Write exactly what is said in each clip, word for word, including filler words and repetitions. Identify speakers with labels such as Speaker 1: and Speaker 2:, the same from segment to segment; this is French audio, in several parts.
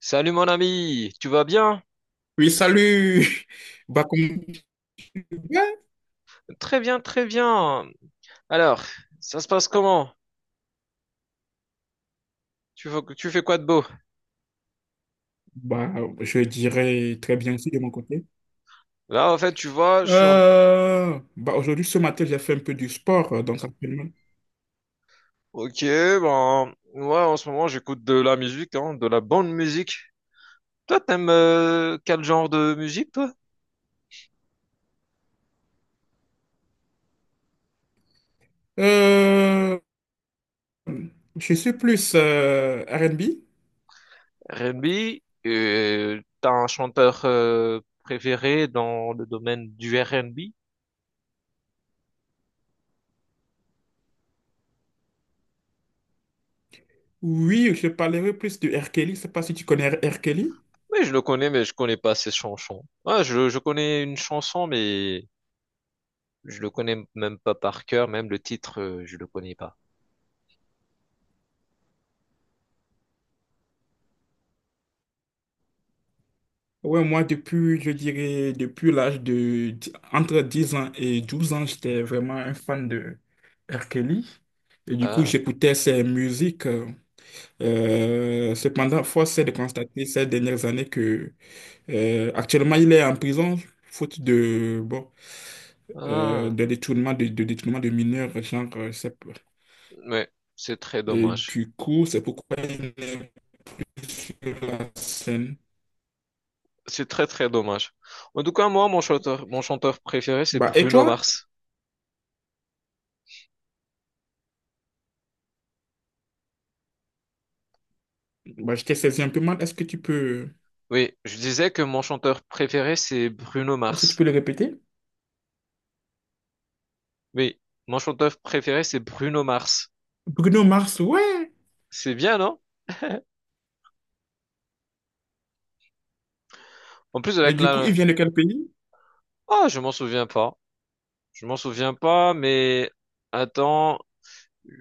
Speaker 1: Salut mon ami, tu vas bien?
Speaker 2: Oui, salut! Bah, comment tu vas?
Speaker 1: Très bien, très bien. Alors, ça se passe comment? Tu fais, tu fais quoi de beau?
Speaker 2: Bah, je dirais très bien aussi de mon côté.
Speaker 1: Là, en fait, tu vois, je suis en...
Speaker 2: Euh, bah, aujourd'hui, ce matin, j'ai fait un peu du sport, euh, donc actuellement.
Speaker 1: Ok, ben, ouais, en ce moment, j'écoute de la musique, hein, de la bonne musique. Toi, t'aimes euh, quel genre de musique, toi?
Speaker 2: Euh, je suis plus euh, R N B.
Speaker 1: R and B? Euh, T'as un chanteur euh, préféré dans le domaine du R and B?
Speaker 2: Oui, je parlerai plus de R. Kelly. Je sais pas si tu connais R. Kelly.
Speaker 1: Oui, je le connais, mais je connais pas ses chansons. Ouais, je, je connais une chanson, mais je le connais même pas par cœur, même le titre, euh, je le connais pas.
Speaker 2: Ouais, moi, depuis, je dirais, depuis l'âge de dix- entre dix ans et douze ans, j'étais vraiment un fan de R. Kelly. Et du coup,
Speaker 1: Ah,
Speaker 2: j'écoutais ses musiques. Euh, Euh, cependant, force est de constater ces dernières années que euh, actuellement il est en prison faute de bon, euh,
Speaker 1: ah,
Speaker 2: de détournement de, de détournement de mineurs, genre euh, c'est-
Speaker 1: mais c'est très
Speaker 2: et
Speaker 1: dommage.
Speaker 2: du coup c'est pourquoi il est plus sur la scène.
Speaker 1: C'est très très dommage. En tout cas, moi, mon chanteur, mon chanteur préféré, c'est
Speaker 2: Bah et
Speaker 1: Bruno
Speaker 2: toi,
Speaker 1: Mars.
Speaker 2: bah, je t'ai saisi un peu mal. Est-ce que tu peux
Speaker 1: Oui, je disais que mon chanteur préféré, c'est Bruno
Speaker 2: est-ce que tu peux
Speaker 1: Mars.
Speaker 2: le répéter?
Speaker 1: Oui, mon chanteur préféré, c'est Bruno Mars.
Speaker 2: Bruno Mars, ouais.
Speaker 1: C'est bien, non? En plus
Speaker 2: Et
Speaker 1: avec
Speaker 2: du coup il
Speaker 1: la...
Speaker 2: vient de quel pays?
Speaker 1: Ah, je m'en souviens pas. Je m'en souviens pas, mais attends,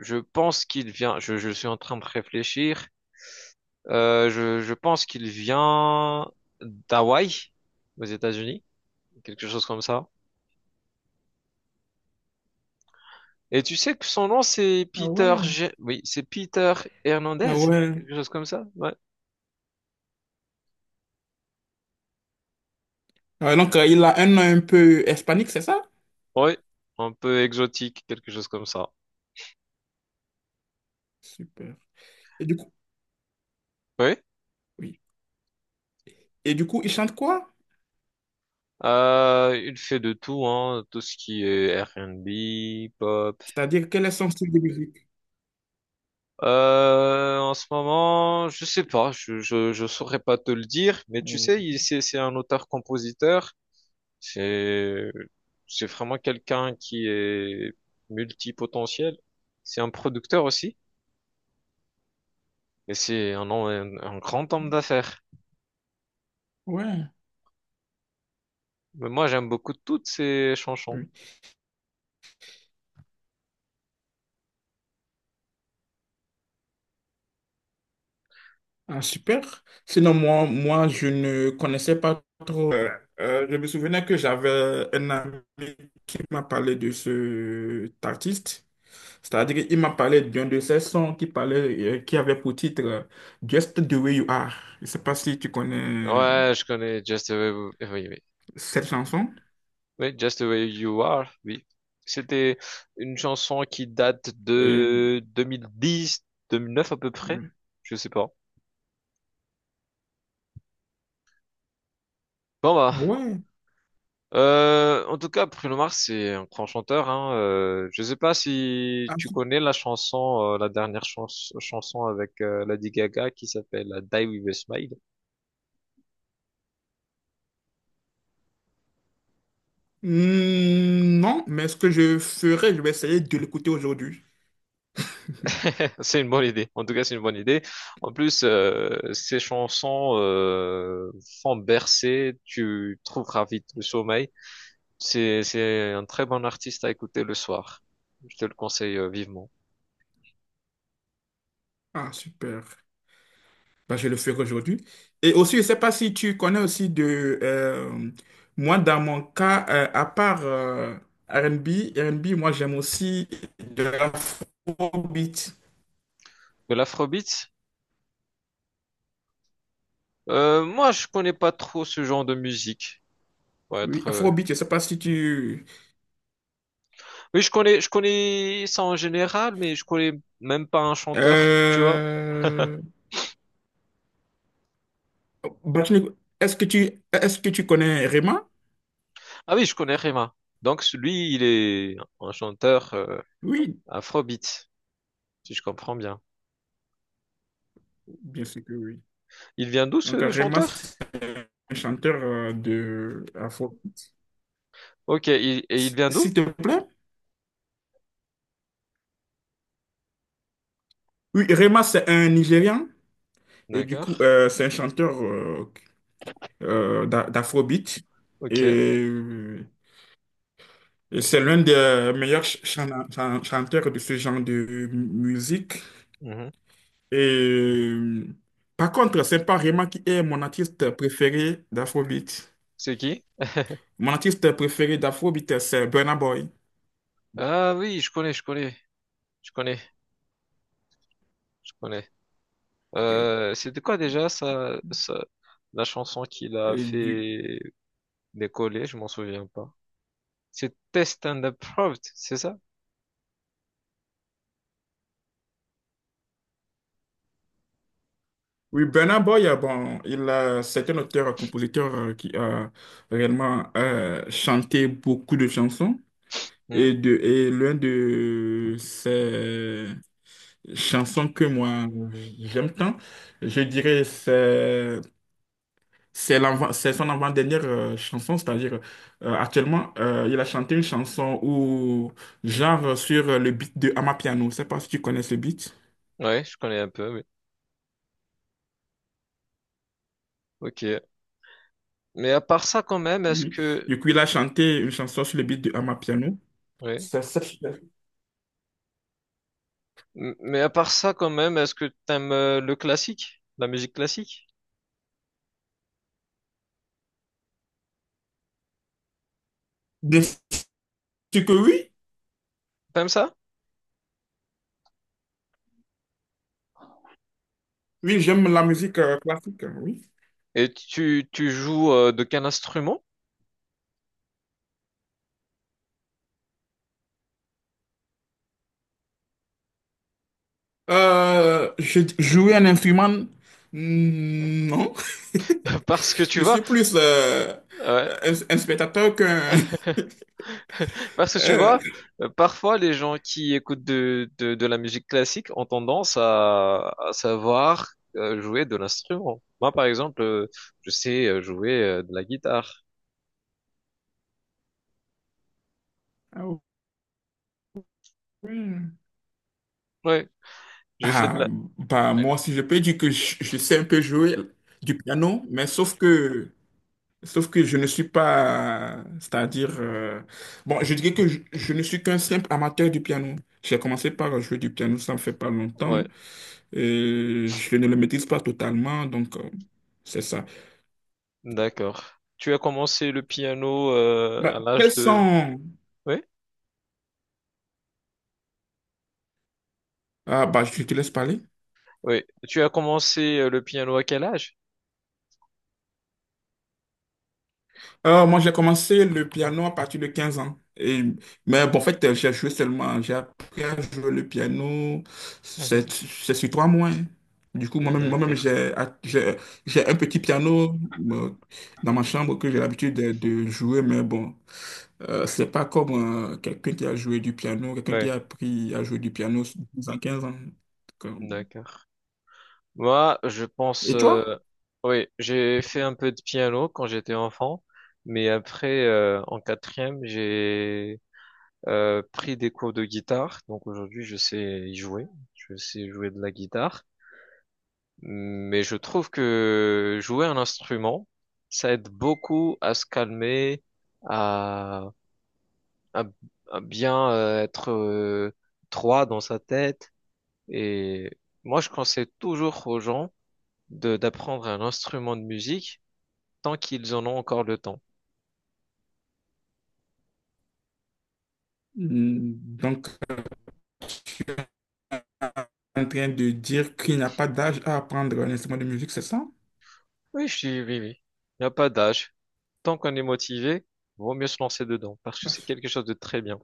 Speaker 1: je pense qu'il vient. Je, je suis en train de réfléchir. Euh, je, je pense qu'il vient d'Hawaï, aux États-Unis, quelque chose comme ça. Et tu sais que son nom, c'est
Speaker 2: Ah
Speaker 1: Peter,
Speaker 2: ouais.
Speaker 1: Ge- oui, c'est Peter Hernandez,
Speaker 2: Ah ouais.
Speaker 1: quelque chose comme ça. Ouais.
Speaker 2: Ah, donc euh, il a un nom un peu hispanique, c'est ça?
Speaker 1: Oui, un peu exotique, quelque chose comme ça.
Speaker 2: Super. Et du coup,
Speaker 1: Oui.
Speaker 2: oui. Et du coup, il chante quoi?
Speaker 1: Euh, il fait de tout, hein, tout ce qui est R and B, pop.
Speaker 2: C'est-à-dire, quel est son style de musique?
Speaker 1: Euh, en ce moment, je sais pas, je, je, je saurais pas te le dire, mais tu
Speaker 2: Euh,
Speaker 1: sais, il- c'est, c'est un auteur-compositeur. C'est, c'est vraiment quelqu'un qui est multipotentiel. C'est un producteur aussi. Et c'est un, un, un grand homme d'affaires.
Speaker 2: Ouais,
Speaker 1: Mais moi, j'aime beaucoup toutes ses chansons.
Speaker 2: oui. Ah, super. Sinon, moi, moi, je ne connaissais pas trop. Euh, euh, je me souvenais que j'avais un ami qui m'a parlé de cet artiste. C'est-à-dire, il m'a parlé d'un de ses sons qui parlait, euh, qui avait pour titre euh, Just the Way You Are. Je ne sais pas si tu connais
Speaker 1: Ouais, je connais Just the Way, We- oui, oui.
Speaker 2: cette chanson.
Speaker 1: Oui, Just the Way You Are, oui. C'était une chanson qui date
Speaker 2: Et,
Speaker 1: de deux mille dix, deux mille neuf à peu près.
Speaker 2: ouais.
Speaker 1: Je sais pas. Bon, bah.
Speaker 2: Ah, ouais.
Speaker 1: Euh, en tout cas, Bruno Mars, c'est un grand chanteur. Hein. Euh, je sais pas si tu connais la chanson, euh, la dernière chans- chanson avec euh, Lady Gaga qui s'appelle euh, Die With a Smile.
Speaker 2: Hmm, non, mais ce que je ferai, je vais essayer de l'écouter aujourd'hui.
Speaker 1: C'est une bonne idée. En tout cas, c'est une bonne idée. En plus, euh, ces chansons euh, font bercer. Tu trouveras vite le sommeil. C'est c'est un très bon artiste à écouter le soir. Je te le conseille euh, vivement.
Speaker 2: Ah, super. Bah, je le ferai aujourd'hui. Et aussi, je ne sais pas si tu connais aussi de... euh, moi, dans mon cas, euh, à part euh, R et B, R et B, moi, j'aime aussi de l'afrobeat.
Speaker 1: De l'afrobeat, euh, moi, je connais pas trop ce genre de musique. Pour
Speaker 2: Oui,
Speaker 1: être. euh,
Speaker 2: afrobeat, je ne sais pas si tu...
Speaker 1: Oui, je connais, je connais ça en général, mais je connais même pas un chanteur, tu vois.
Speaker 2: Euh, bah, tu- est-ce que tu, est-ce que tu connais Rema?
Speaker 1: Ah oui, je connais Rema. Donc lui, il est un chanteur euh,
Speaker 2: Oui,
Speaker 1: afrobeat, si je comprends bien.
Speaker 2: bien sûr que oui.
Speaker 1: Il vient d'où
Speaker 2: Donc,
Speaker 1: ce
Speaker 2: Rema,
Speaker 1: chanteur?
Speaker 2: c'est un chanteur euh, de Afro.
Speaker 1: Ok, il- et il
Speaker 2: S-
Speaker 1: vient
Speaker 2: S'il
Speaker 1: d'où?
Speaker 2: te plaît. Oui, Rema, c'est un Nigérian. Et du coup,
Speaker 1: D'accord.
Speaker 2: euh, c'est un chanteur euh, euh, d'a- d'Afrobeat.
Speaker 1: Ok.
Speaker 2: Et, euh, et c'est l'un des meilleurs ch- chan- chan- chanteurs de ce genre de mu- musique.
Speaker 1: Mhm.
Speaker 2: Et euh, par contre, c'est pas Rema qui est mon artiste préféré d'Afrobeat.
Speaker 1: C'est qui?
Speaker 2: Mon artiste préféré d'Afrobeat, c'est Burna Boy.
Speaker 1: Ah oui, je connais, je connais, je connais, je connais. Euh, c'était quoi déjà ça, ça, la chanson qu'il a
Speaker 2: Et du
Speaker 1: fait décoller? Je m'en souviens pas. C'était Stand Up Proud, c'est ça?
Speaker 2: Oui, Burna Boy, euh, bon, il, euh, c'est un auteur-compositeur euh, qui a réellement euh, chanté beaucoup de chansons.
Speaker 1: Hmm?
Speaker 2: Et, de, et l'un de ces chansons que moi j'aime tant, je dirais, c'est c'est l'avant- c'est son avant-dernière euh, chanson, c'est-à-dire euh, actuellement, euh, il a chanté une chanson où, genre sur le beat de Amapiano. Je ne sais pas si tu connais ce beat.
Speaker 1: Ouais, je connais un peu, oui. Ok. Mais à part ça, quand même, est-ce
Speaker 2: Oui.
Speaker 1: que...
Speaker 2: Du coup, il a chanté une chanson sur le beat de Amapiano.
Speaker 1: Ouais.
Speaker 2: C'est cette.
Speaker 1: M- Mais à part ça, quand même, est-ce que t'aimes euh, le classique? La musique classique?
Speaker 2: Bien sûr que oui.
Speaker 1: T'aimes ça?
Speaker 2: Oui, j'aime la musique euh, classique, euh, oui.
Speaker 1: Et tu, tu joues euh, de quel instrument?
Speaker 2: Euh, je- jouer un instrument, mm, non.
Speaker 1: Parce que tu
Speaker 2: Je
Speaker 1: vois,
Speaker 2: suis plus euh,
Speaker 1: ouais,
Speaker 2: euh, un, un spectateur qu'un...
Speaker 1: parce que tu
Speaker 2: euh,
Speaker 1: vois, euh, parfois les gens qui écoutent de, de, de la musique classique ont tendance à, à savoir euh, jouer de l'instrument. Moi, par exemple, euh, je sais euh, jouer euh, de la guitare.
Speaker 2: ah, ouais.
Speaker 1: Ouais, j'ai fait de
Speaker 2: Ah,
Speaker 1: la...
Speaker 2: bah,
Speaker 1: Ouais.
Speaker 2: moi aussi, je peux dire que je, je sais un peu jouer du piano, mais sauf que, sauf que je ne suis pas, c'est-à-dire, euh, bon, je dirais que je, je ne suis qu'un simple amateur du piano. J'ai commencé par jouer du piano, ça ne fait pas longtemps.
Speaker 1: Ouais.
Speaker 2: Euh, je ne le maîtrise pas totalement, donc euh, c'est ça.
Speaker 1: D'accord. Tu as commencé le piano euh,
Speaker 2: Bah,
Speaker 1: à l'âge
Speaker 2: quels
Speaker 1: de...
Speaker 2: sont...
Speaker 1: Oui?
Speaker 2: Ah, bah, je te laisse parler.
Speaker 1: Oui. Tu as commencé euh, le piano à quel âge?
Speaker 2: Euh, moi, j'ai commencé le piano à partir de quinze ans. Et, mais bon, en fait, euh, j'ai joué seulement, j'ai appris à jouer le piano, c'est
Speaker 1: Mhm.
Speaker 2: c'est sur trois mois. Hein. Du coup, moi-même, moi-même,
Speaker 1: D'accord.
Speaker 2: j'ai j'ai- j'ai un petit piano euh, dans ma chambre que j'ai l'habitude de, de jouer, mais bon, euh, c'est pas comme euh, quelqu'un qui a joué du piano, quelqu'un qui
Speaker 1: Oui.
Speaker 2: a appris à jouer du piano dans 15 ans. Donc, euh,
Speaker 1: D'accord. Moi, je pense...
Speaker 2: et
Speaker 1: euh,
Speaker 2: toi?
Speaker 1: Oui, j'ai fait un peu de piano quand j'étais enfant, mais après, euh, en quatrième, j'ai euh, pris des cours de guitare. Donc aujourd'hui, je sais y jouer. Je sais jouer de la guitare. Mais je trouve que jouer un instrument, ça aide beaucoup à se calmer, à, à, à bien euh, être euh, droit dans sa tête. Et moi, je conseille toujours aux gens de d'apprendre un instrument de musique tant qu'ils en ont encore le temps.
Speaker 2: Hmm, Donc, en train de dire qu'il n'y a pas d'âge à apprendre un instrument de musique, c'est ça?
Speaker 1: Oui, je dis oui, oui. Il n'y a pas d'âge. Tant qu'on est motivé, vaut mieux se lancer dedans parce que
Speaker 2: Ah,
Speaker 1: c'est quelque chose de très bien.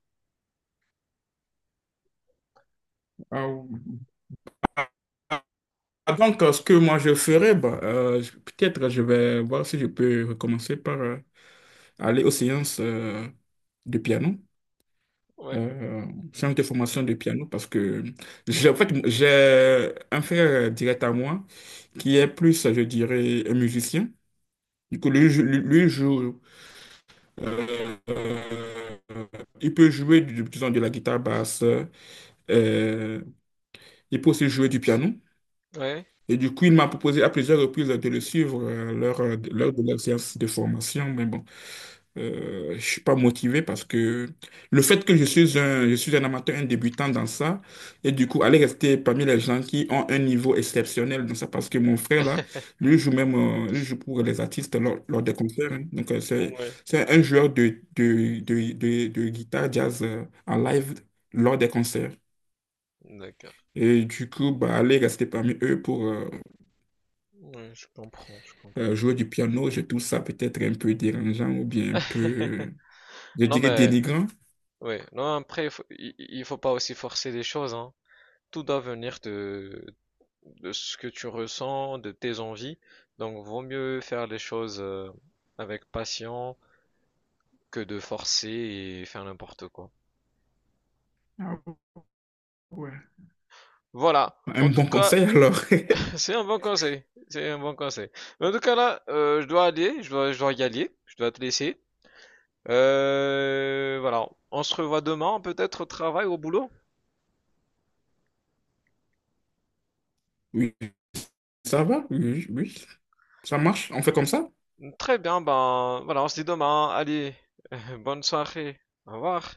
Speaker 2: ah, donc, euh, ce que moi je ferais, bah, euh, je- peut-être je vais voir si je peux recommencer par euh, aller aux séances euh, de piano,
Speaker 1: Ouais,
Speaker 2: euh, séances de formation de piano, parce que j'ai en fait, j'ai un frère direct à moi qui est plus, je dirais, un musicien. Du coup, lui, jou- lui, lui joue, euh, euh, il peut jouer, du- disons, de la guitare basse, euh, il peut aussi jouer du piano.
Speaker 1: ouais,
Speaker 2: Et du coup, il m'a proposé à plusieurs reprises de le suivre euh, lors, euh, lors de leur séance de formation. Mais bon, euh, je ne suis pas motivé parce que le fait que je suis un, je suis un amateur, un débutant dans ça, et du coup, aller rester parmi les gens qui ont un niveau exceptionnel dans ça, parce que mon frère, là, lui joue même, euh, lui joue pour les artistes lors, lors des concerts. Hein. Donc, euh, c'est,
Speaker 1: ouais.
Speaker 2: c'est un joueur de, de, de, de, de guitare jazz euh, en live lors des concerts.
Speaker 1: D'accord.
Speaker 2: Et du coup, bah, aller rester parmi eux pour, euh,
Speaker 1: Ouais, je comprends, je
Speaker 2: Euh,
Speaker 1: comprends.
Speaker 2: jouer du piano, je trouve ça peut-être un peu dérangeant ou bien un peu, je
Speaker 1: Non
Speaker 2: dirais,
Speaker 1: mais
Speaker 2: dénigrant.
Speaker 1: oui, non après il faut, il- il faut pas aussi forcer les choses hein. Tout doit venir de de ce que tu ressens, de tes envies. Donc vaut mieux faire les choses euh, avec patience que de forcer et faire n'importe quoi.
Speaker 2: Ah ouais.
Speaker 1: Voilà. En
Speaker 2: Un
Speaker 1: tout
Speaker 2: bon
Speaker 1: cas,
Speaker 2: conseil alors.
Speaker 1: c'est un bon conseil. C'est un bon conseil. Mais en tout cas là, euh, je dois aller, je dois je dois y aller, je dois te laisser. Euh, voilà. On se revoit demain peut-être au travail, au boulot.
Speaker 2: Oui, ça va, oui, oui, ça marche, on fait comme ça.
Speaker 1: Très bien, ben voilà, on se dit demain. Allez, bonne soirée. Au revoir.